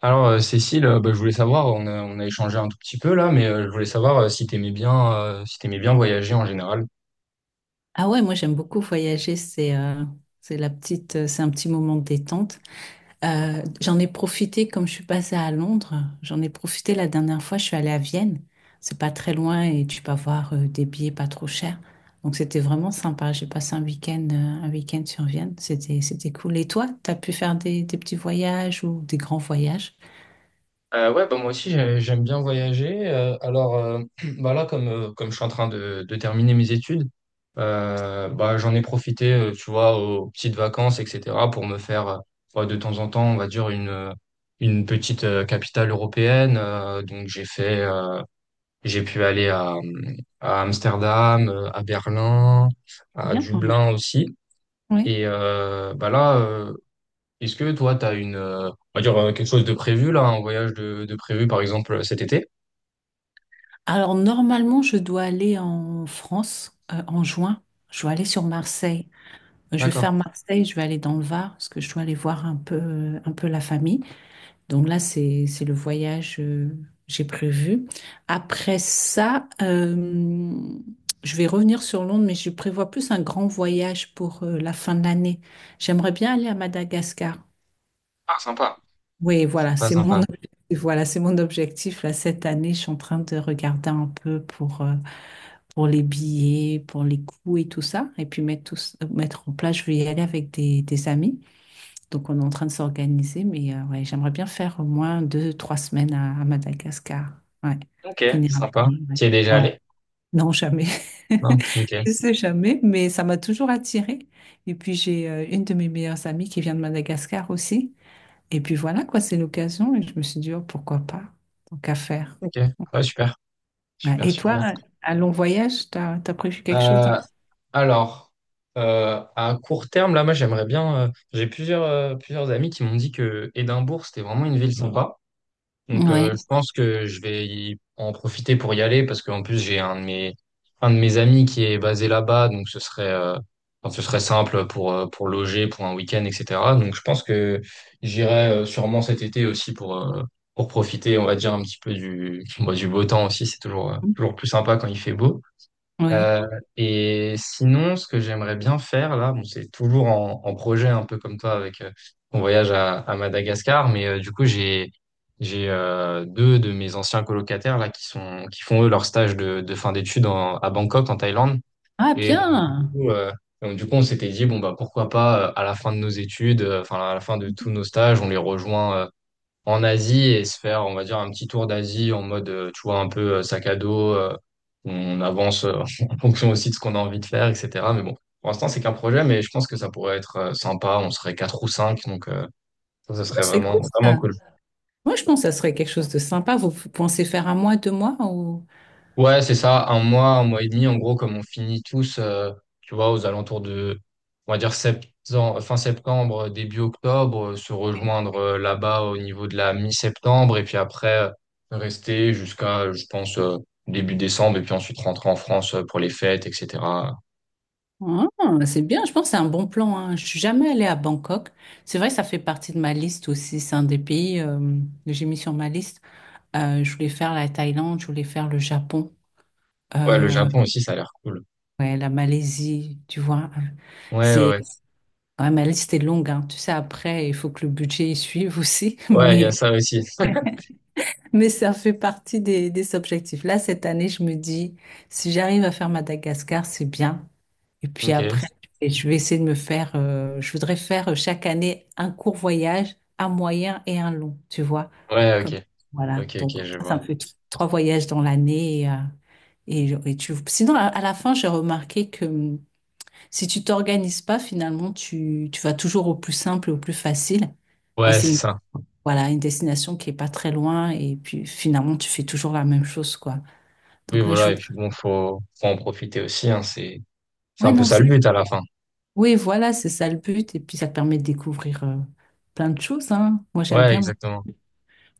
Alors, Cécile, bah, je voulais savoir, on a échangé un tout petit peu là, mais je voulais savoir si t'aimais bien voyager en général. Ah ouais, moi j'aime beaucoup voyager, c'est la petite, c'est un petit moment de détente. J'en ai profité comme je suis passée à Londres, j'en ai profité la dernière fois, je suis allée à Vienne. C'est pas très loin et tu peux avoir des billets pas trop chers. Donc c'était vraiment sympa. J'ai passé un week-end sur Vienne, c'était cool. Et toi, t'as pu faire des petits voyages ou des grands voyages? Ouais, bah, moi aussi, j'aime bien voyager. Alors, bah, là, comme je suis en train de terminer mes études, bah, j'en ai profité, tu vois, aux petites vacances, etc., pour me faire, bah, de temps en temps, on va dire, une petite capitale européenne. Donc, j'ai pu aller à Amsterdam, à Berlin, à Bien. Dublin aussi. Oui. Et bah là, est-ce que toi, tu as on va dire quelque chose de prévu là, un voyage de prévu par exemple cet été? Alors normalement, je dois aller en France en juin. Je dois aller sur Marseille. Je vais D'accord. faire Marseille, je vais aller dans le Var parce que je dois aller voir un peu la famille. Donc là, c'est le voyage j'ai prévu. Après ça, je vais revenir sur Londres, mais je prévois plus un grand voyage pour la fin de l'année. J'aimerais bien aller à Madagascar. Ah, sympa. Oui, voilà, Sympa, c'est mon sympa. objectif. Voilà, c'est mon objectif là cette année. Je suis en train de regarder un peu pour les billets, pour les coûts et tout ça, et puis mettre tout, mettre en place. Je vais y aller avec des amis. Donc, on est en train de s'organiser, mais ouais, j'aimerais bien faire au moins deux, trois semaines à Madagascar. Ouais, Ok, finir un sympa. année, ouais. Tu es déjà Ouais. allé? Non, jamais. Non. Ok. Je sais jamais, mais ça m'a toujours attirée. Et puis, j'ai une de mes meilleures amies qui vient de Madagascar aussi. Et puis voilà, quoi, c'est l'occasion. Et je me suis dit, oh, pourquoi pas? Tant qu'à faire. Ok. Ouais, super. Ouais. Super, Et toi, super. un long voyage, t'as prévu quelque chose? Euh, Hein alors, à court terme, là, moi, j'aimerais bien. J'ai plusieurs amis qui m'ont dit que Édimbourg, c'était vraiment une ville sympa. Donc, je Oui. pense que je vais en profiter pour y aller parce qu'en plus, j'ai un de mes amis qui est basé là-bas. Donc, enfin, ce serait simple pour loger, pour un week-end, etc. Donc, je pense que j'irai sûrement cet été aussi pour profiter, on va dire, un petit peu du, bah, du beau temps aussi. C'est toujours plus sympa quand il fait beau. Oui. Euh, et sinon, ce que j'aimerais bien faire là, bon, c'est toujours en projet un peu comme toi avec mon voyage à Madagascar, mais du coup j'ai deux de mes anciens colocataires là qui font eux leur stage de fin d'études à Bangkok en Thaïlande. Ah, Et donc du bien! coup, euh, donc, du coup on s'était dit bon bah pourquoi pas à la fin de nos études, enfin à la fin de tous nos stages, on les rejoint en Asie et se faire, on va dire, un petit tour d'Asie en mode, tu vois, un peu sac à dos. On avance en fonction aussi de ce qu'on a envie de faire, etc. Mais bon, pour l'instant, c'est qu'un projet, mais je pense que ça pourrait être sympa. On serait quatre ou cinq, donc ça, ce serait C'est vraiment, cool, vraiment ça. cool. Moi, je pense que ça serait quelque chose de sympa. Vous pensez faire un mois, deux mois ou... Ouais, c'est ça, un mois et demi, en gros, comme on finit tous, tu vois, aux alentours de, on va dire, fin septembre, début octobre, se rejoindre là-bas au niveau de la mi-septembre, et puis après, rester jusqu'à, je pense, début décembre, et puis ensuite rentrer en France pour les fêtes, etc. Ouais. Ah, c'est bien, je pense que c'est un bon plan, hein. Je suis jamais allée à Bangkok. C'est vrai, ça fait partie de ma liste aussi. C'est un des pays que j'ai mis sur ma liste. Je voulais faire la Thaïlande, je voulais faire le Japon, Ouais, le euh, Japon aussi, ça a l'air cool. ouais, la Malaisie, tu vois. Ouais, ouais, C'est, ouais, ouais, ma liste est longue, hein. Tu sais, après, il faut que le budget y suive aussi, ouais, il y a ça aussi. mais ça fait partie des objectifs. Là, cette année, je me dis, si j'arrive à faire Madagascar, c'est bien. Et puis Ok, après, et je vais essayer de me faire, je voudrais faire chaque année un court voyage, un moyen et un long, tu vois. ouais, Comme, ok, voilà. ok, Donc, ok, je ça, vois. ça me fait trois voyages dans l'année. Et et tu... Sinon, à la fin, j'ai remarqué que si tu t'organises pas, finalement, tu vas toujours au plus simple et au plus facile. Et Ouais, c'est c'est une, ça. voilà, une destination qui est pas très loin. Et puis, finalement, tu fais toujours la même chose, quoi. Oui, Donc là, je voilà, et voudrais. puis bon, faut en profiter aussi, hein, c'est un Ouais, peu non, ça le c'est but à la fin. Oui, voilà, c'est ça le but. Et puis, ça te permet de découvrir plein de choses, hein. Moi, j'aime Ouais, bien, moi. exactement.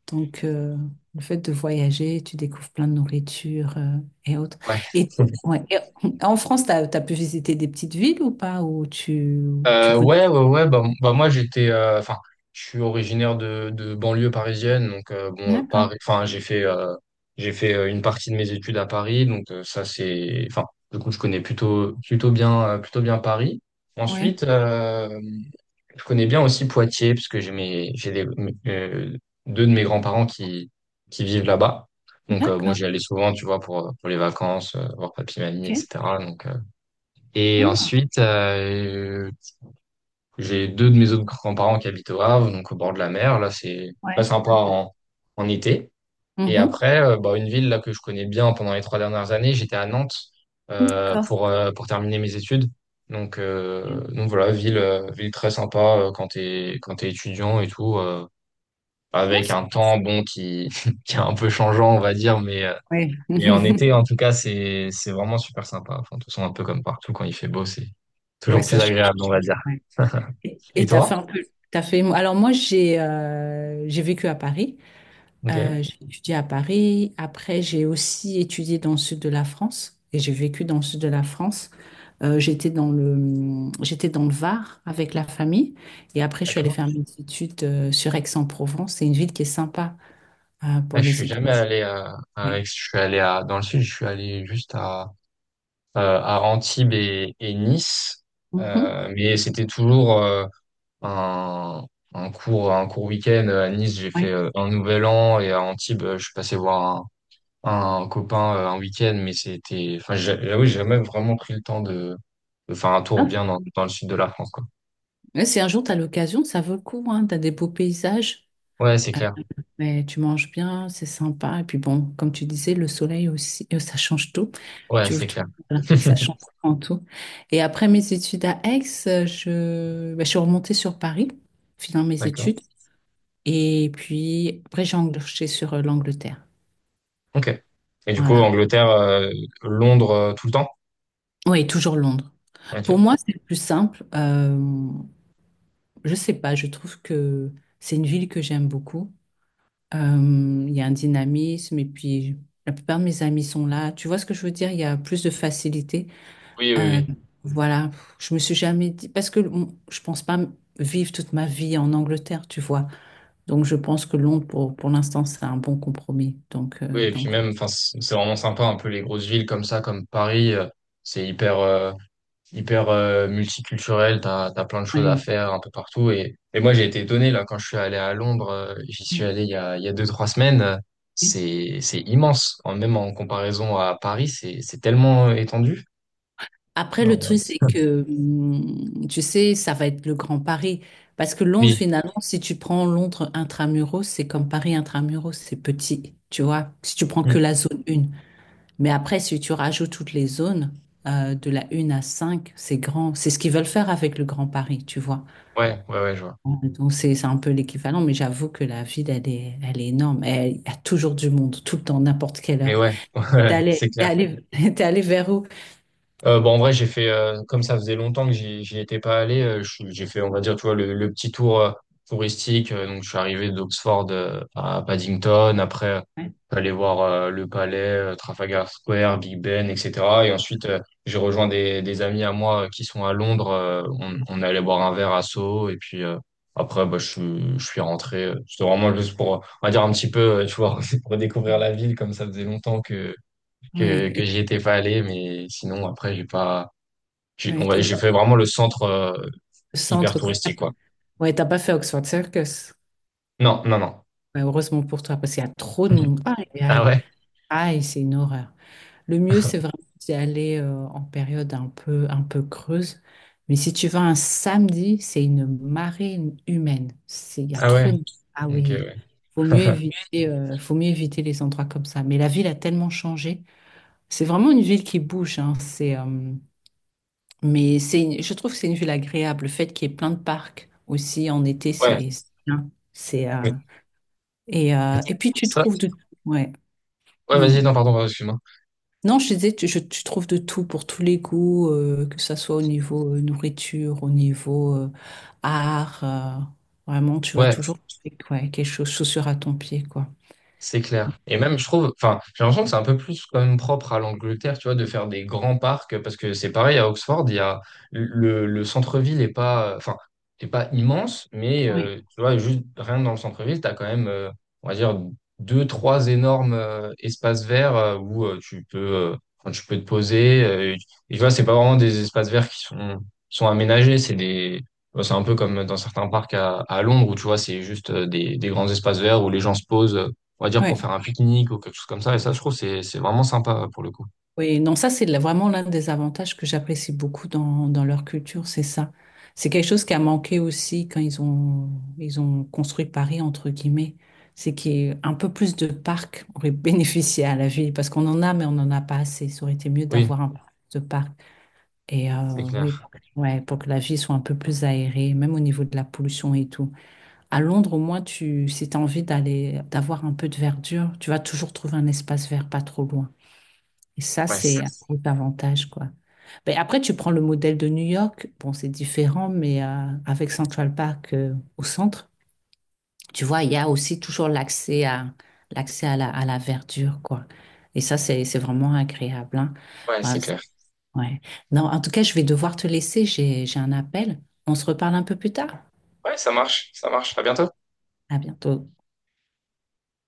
Donc, le fait de voyager, tu découvres plein de nourriture et autres. Ouais. Et, ouais, et en France, tu as, pu visiter des petites villes ou pas, où tu connais? Ouais, ouais, ouais. Bah, bah moi, enfin, je suis originaire de banlieue parisienne, donc bon, D'accord, Paris. Enfin, j'ai fait une partie de mes études à Paris, donc ça c'est, enfin, du coup, je connais plutôt bien Paris. oui. Ensuite, je connais bien aussi Poitiers parce que j'ai mes, j'ai des, mes- deux de mes grands-parents qui vivent là-bas. Donc, bon, D'accord, j'y allais souvent, tu vois, pour les vacances, voir papy, mamie, ok. etc. Donc euh, Et Hmm, ensuite, j'ai deux de mes autres grands-parents qui habitent au Havre, donc au bord de la mer. Là, c'est très ouais. sympa en été. Et Mhm. après, bah, une ville là que je connais bien pendant les 3 dernières années, j'étais à Nantes D'accord. Pour terminer mes études. Donc euh, Ok. donc voilà, ville très sympa quand t'es étudiant et tout, Ouais, avec un temps bon qui qui est un peu changeant, on va dire, mais ouais. et en été, en tout cas, c'est vraiment super sympa. Enfin, de toute façon, un peu comme partout, quand il fait beau, c'est Ouais, toujours plus ça change. agréable, on va dire. Ouais. Et Et t'as toi? fait un peu, t'as fait. Alors moi, j'ai vécu à Paris. Ok, J'ai étudié à Paris. Après, j'ai aussi étudié dans le sud de la France et j'ai vécu dans le sud de la France. J'étais dans j'étais dans le Var avec la famille et après, je suis allée d'accord. faire mes études sur Aix-en-Provence. C'est une ville qui est sympa pour Ah, je les suis études. jamais allé à Aix. Ouais. Je suis allé à, Dans le sud, je suis allé juste à Antibes et Nice. Mhm. Mais c'était toujours un, un court week-end. À Nice, j'ai fait Ouais. Un nouvel an et à Antibes, je suis passé voir un copain un week-end, mais enfin, j'avoue, j'ai jamais vraiment pris le temps de faire un tour Ah, bien dans le sud de la France, quoi. ouais, si un jour tu as l'occasion, ça vaut le coup, hein. Tu as des beaux paysages. Ouais, c'est clair. Mais tu manges bien, c'est sympa. Et puis bon, comme tu disais, le soleil aussi, ça change tout. Ouais, Tu ouvres c'est tout, clair. voilà, ça change en tout. Et après mes études à Aix, je, ben, je suis remontée sur Paris, finant mes D'accord. études. Et puis après, j'ai enclenché sur l'Angleterre. Ok. Et du coup, Voilà. Angleterre, Londres, tout le temps? Oui, toujours Londres. Pour Ok. moi, c'est plus simple. Je sais pas, je trouve que c'est une ville que j'aime beaucoup. Il y a un dynamisme et puis la plupart de mes amis sont là. Tu vois ce que je veux dire? Il y a plus de facilité. Oui, oui, Euh, oui. voilà, je me suis jamais dit parce que je pense pas vivre toute ma vie en Angleterre, tu vois. Donc je pense que Londres pour l'instant c'est un bon compromis. Oui, et puis Donc même, enfin, c'est vraiment sympa, un peu les grosses villes comme ça, comme Paris, c'est hyper multiculturel, t'as plein de choses à Ouais, faire un peu partout. Et moi, j'ai été étonné, là, quand je suis allé à Londres, j'y suis ouais, allé il y a deux, trois semaines, ouais. C'est immense. Même en comparaison à Paris, c'est tellement étendu. Après, le Alors, truc, c'est que, tu sais, ça va être le grand Paris. Parce que Londres, oui. finalement, si tu prends Londres intramuros, c'est comme Paris intramuros, c'est petit, tu vois. Si tu prends que Mm. la zone 1. Mais après, si tu rajoutes toutes les zones, de la 1 à 5, c'est grand. C'est ce qu'ils veulent faire avec le Grand Paris, tu vois. Ouais, ouais, ouais, je vois. Donc, c'est un peu l'équivalent, mais j'avoue que la ville, elle est énorme. Elle, il y a toujours du monde, tout le temps, n'importe quelle Mais heure. ouais, ouais, c'est clair. T'es allé vers où? Bon, en vrai, comme ça faisait longtemps que j'y étais pas allé, j'ai fait, on va dire, tu vois, le petit tour touristique. Donc, je suis arrivé d'Oxford à Paddington. Après, Ouais. je suis allé voir le palais, Trafalgar Square, Big Ben, etc. Et ensuite, j'ai rejoint des amis à moi qui sont à Londres. On on est allé boire un verre à Soho. Et puis, après, bah, je suis rentré. C'était vraiment juste pour, on va dire, un petit peu, tu vois, pour découvrir la ville, comme ça faisait longtemps que Ouais, j'y étais pas allé, mais sinon, après, j'ai pas, j'ai, ouais, on va, et j'ai pas fait vraiment le centre, le hyper centre, quoi. touristique, quoi. Ouais, t'as pas fait Oxford Circus. Non, non, non. Ouais, heureusement pour toi, parce qu'il y a trop de monde. Aïe, Ah aïe, ouais? aïe, c'est une horreur. Le mieux, c'est vraiment d'y aller en période un peu creuse. Mais si tu vas un samedi, c'est une marée humaine. C'est, il y a Ah ouais? trop de... Ah Ok, oui, ouais. Faut mieux éviter les endroits comme ça. Mais la ville a tellement changé. C'est vraiment une ville qui bouge, hein. C'est, mais c'est, je trouve que c'est une ville agréable. Le fait qu'il y ait plein de parcs aussi en été, Ouais. C'est bien. C'est, mais- et puis tu Ça, trouves de... Ouais. ouais, Mmh. vas-y, non, pardon, pardon, excuse-moi. Non, je disais, tu trouves de tout pour tous les goûts, que ça soit au niveau nourriture, au niveau art. Vraiment, tu vas Ouais, toujours trouver, ouais, quelque chose, chaussure à ton pied, quoi. c'est clair. Et même, je trouve, enfin, j'ai l'impression que c'est un peu plus quand même propre à l'Angleterre, tu vois, de faire des grands parcs, parce que c'est pareil à Oxford, il y a le centre-ville est pas, enfin, est pas immense, mais Oui, tu vois, juste rien que dans le centre-ville, tu as quand même, on va dire, deux, trois énormes espaces verts où enfin, tu peux te poser. Et et tu vois, c'est pas vraiment des espaces verts qui sont aménagés, c'est un peu comme dans certains parcs à Londres où tu vois, c'est juste des grands espaces verts où les gens se posent on va dire pour oui. faire un pique-nique ou quelque chose comme ça. Et ça, je trouve, c'est vraiment sympa pour le coup. Oui, non, ça, c'est vraiment l'un des avantages que j'apprécie beaucoup dans leur culture, c'est ça. C'est quelque chose qui a manqué aussi quand ils ont construit Paris, entre guillemets. C'est qu'il y ait un peu plus de parcs aurait bénéficié à la ville, parce qu'on en a, mais on n'en a pas assez. Ça aurait été mieux Oui, d'avoir un peu plus de parcs. Et c'est oui, clair. Ouais, pour que la vie soit un peu plus aérée, même au niveau de la pollution et tout. À Londres, au moins, si tu as envie d'aller, d'avoir un peu de verdure, tu vas toujours trouver un espace vert pas trop loin. Et ça, Ouais, c'est un gros avantage, quoi. Mais après, tu prends le modèle de New York. Bon, c'est différent, mais avec Central Park au centre, tu vois, il y a aussi toujours l'accès à, l'accès à à la verdure, quoi. Et ça, c'est vraiment agréable, hein. ouais, Ouais, c'est clair. Ouais. Non, en tout cas, je vais devoir te laisser. J'ai un appel. On se reparle un peu plus tard. Ouais, ça marche, ça marche. À bientôt. À bientôt.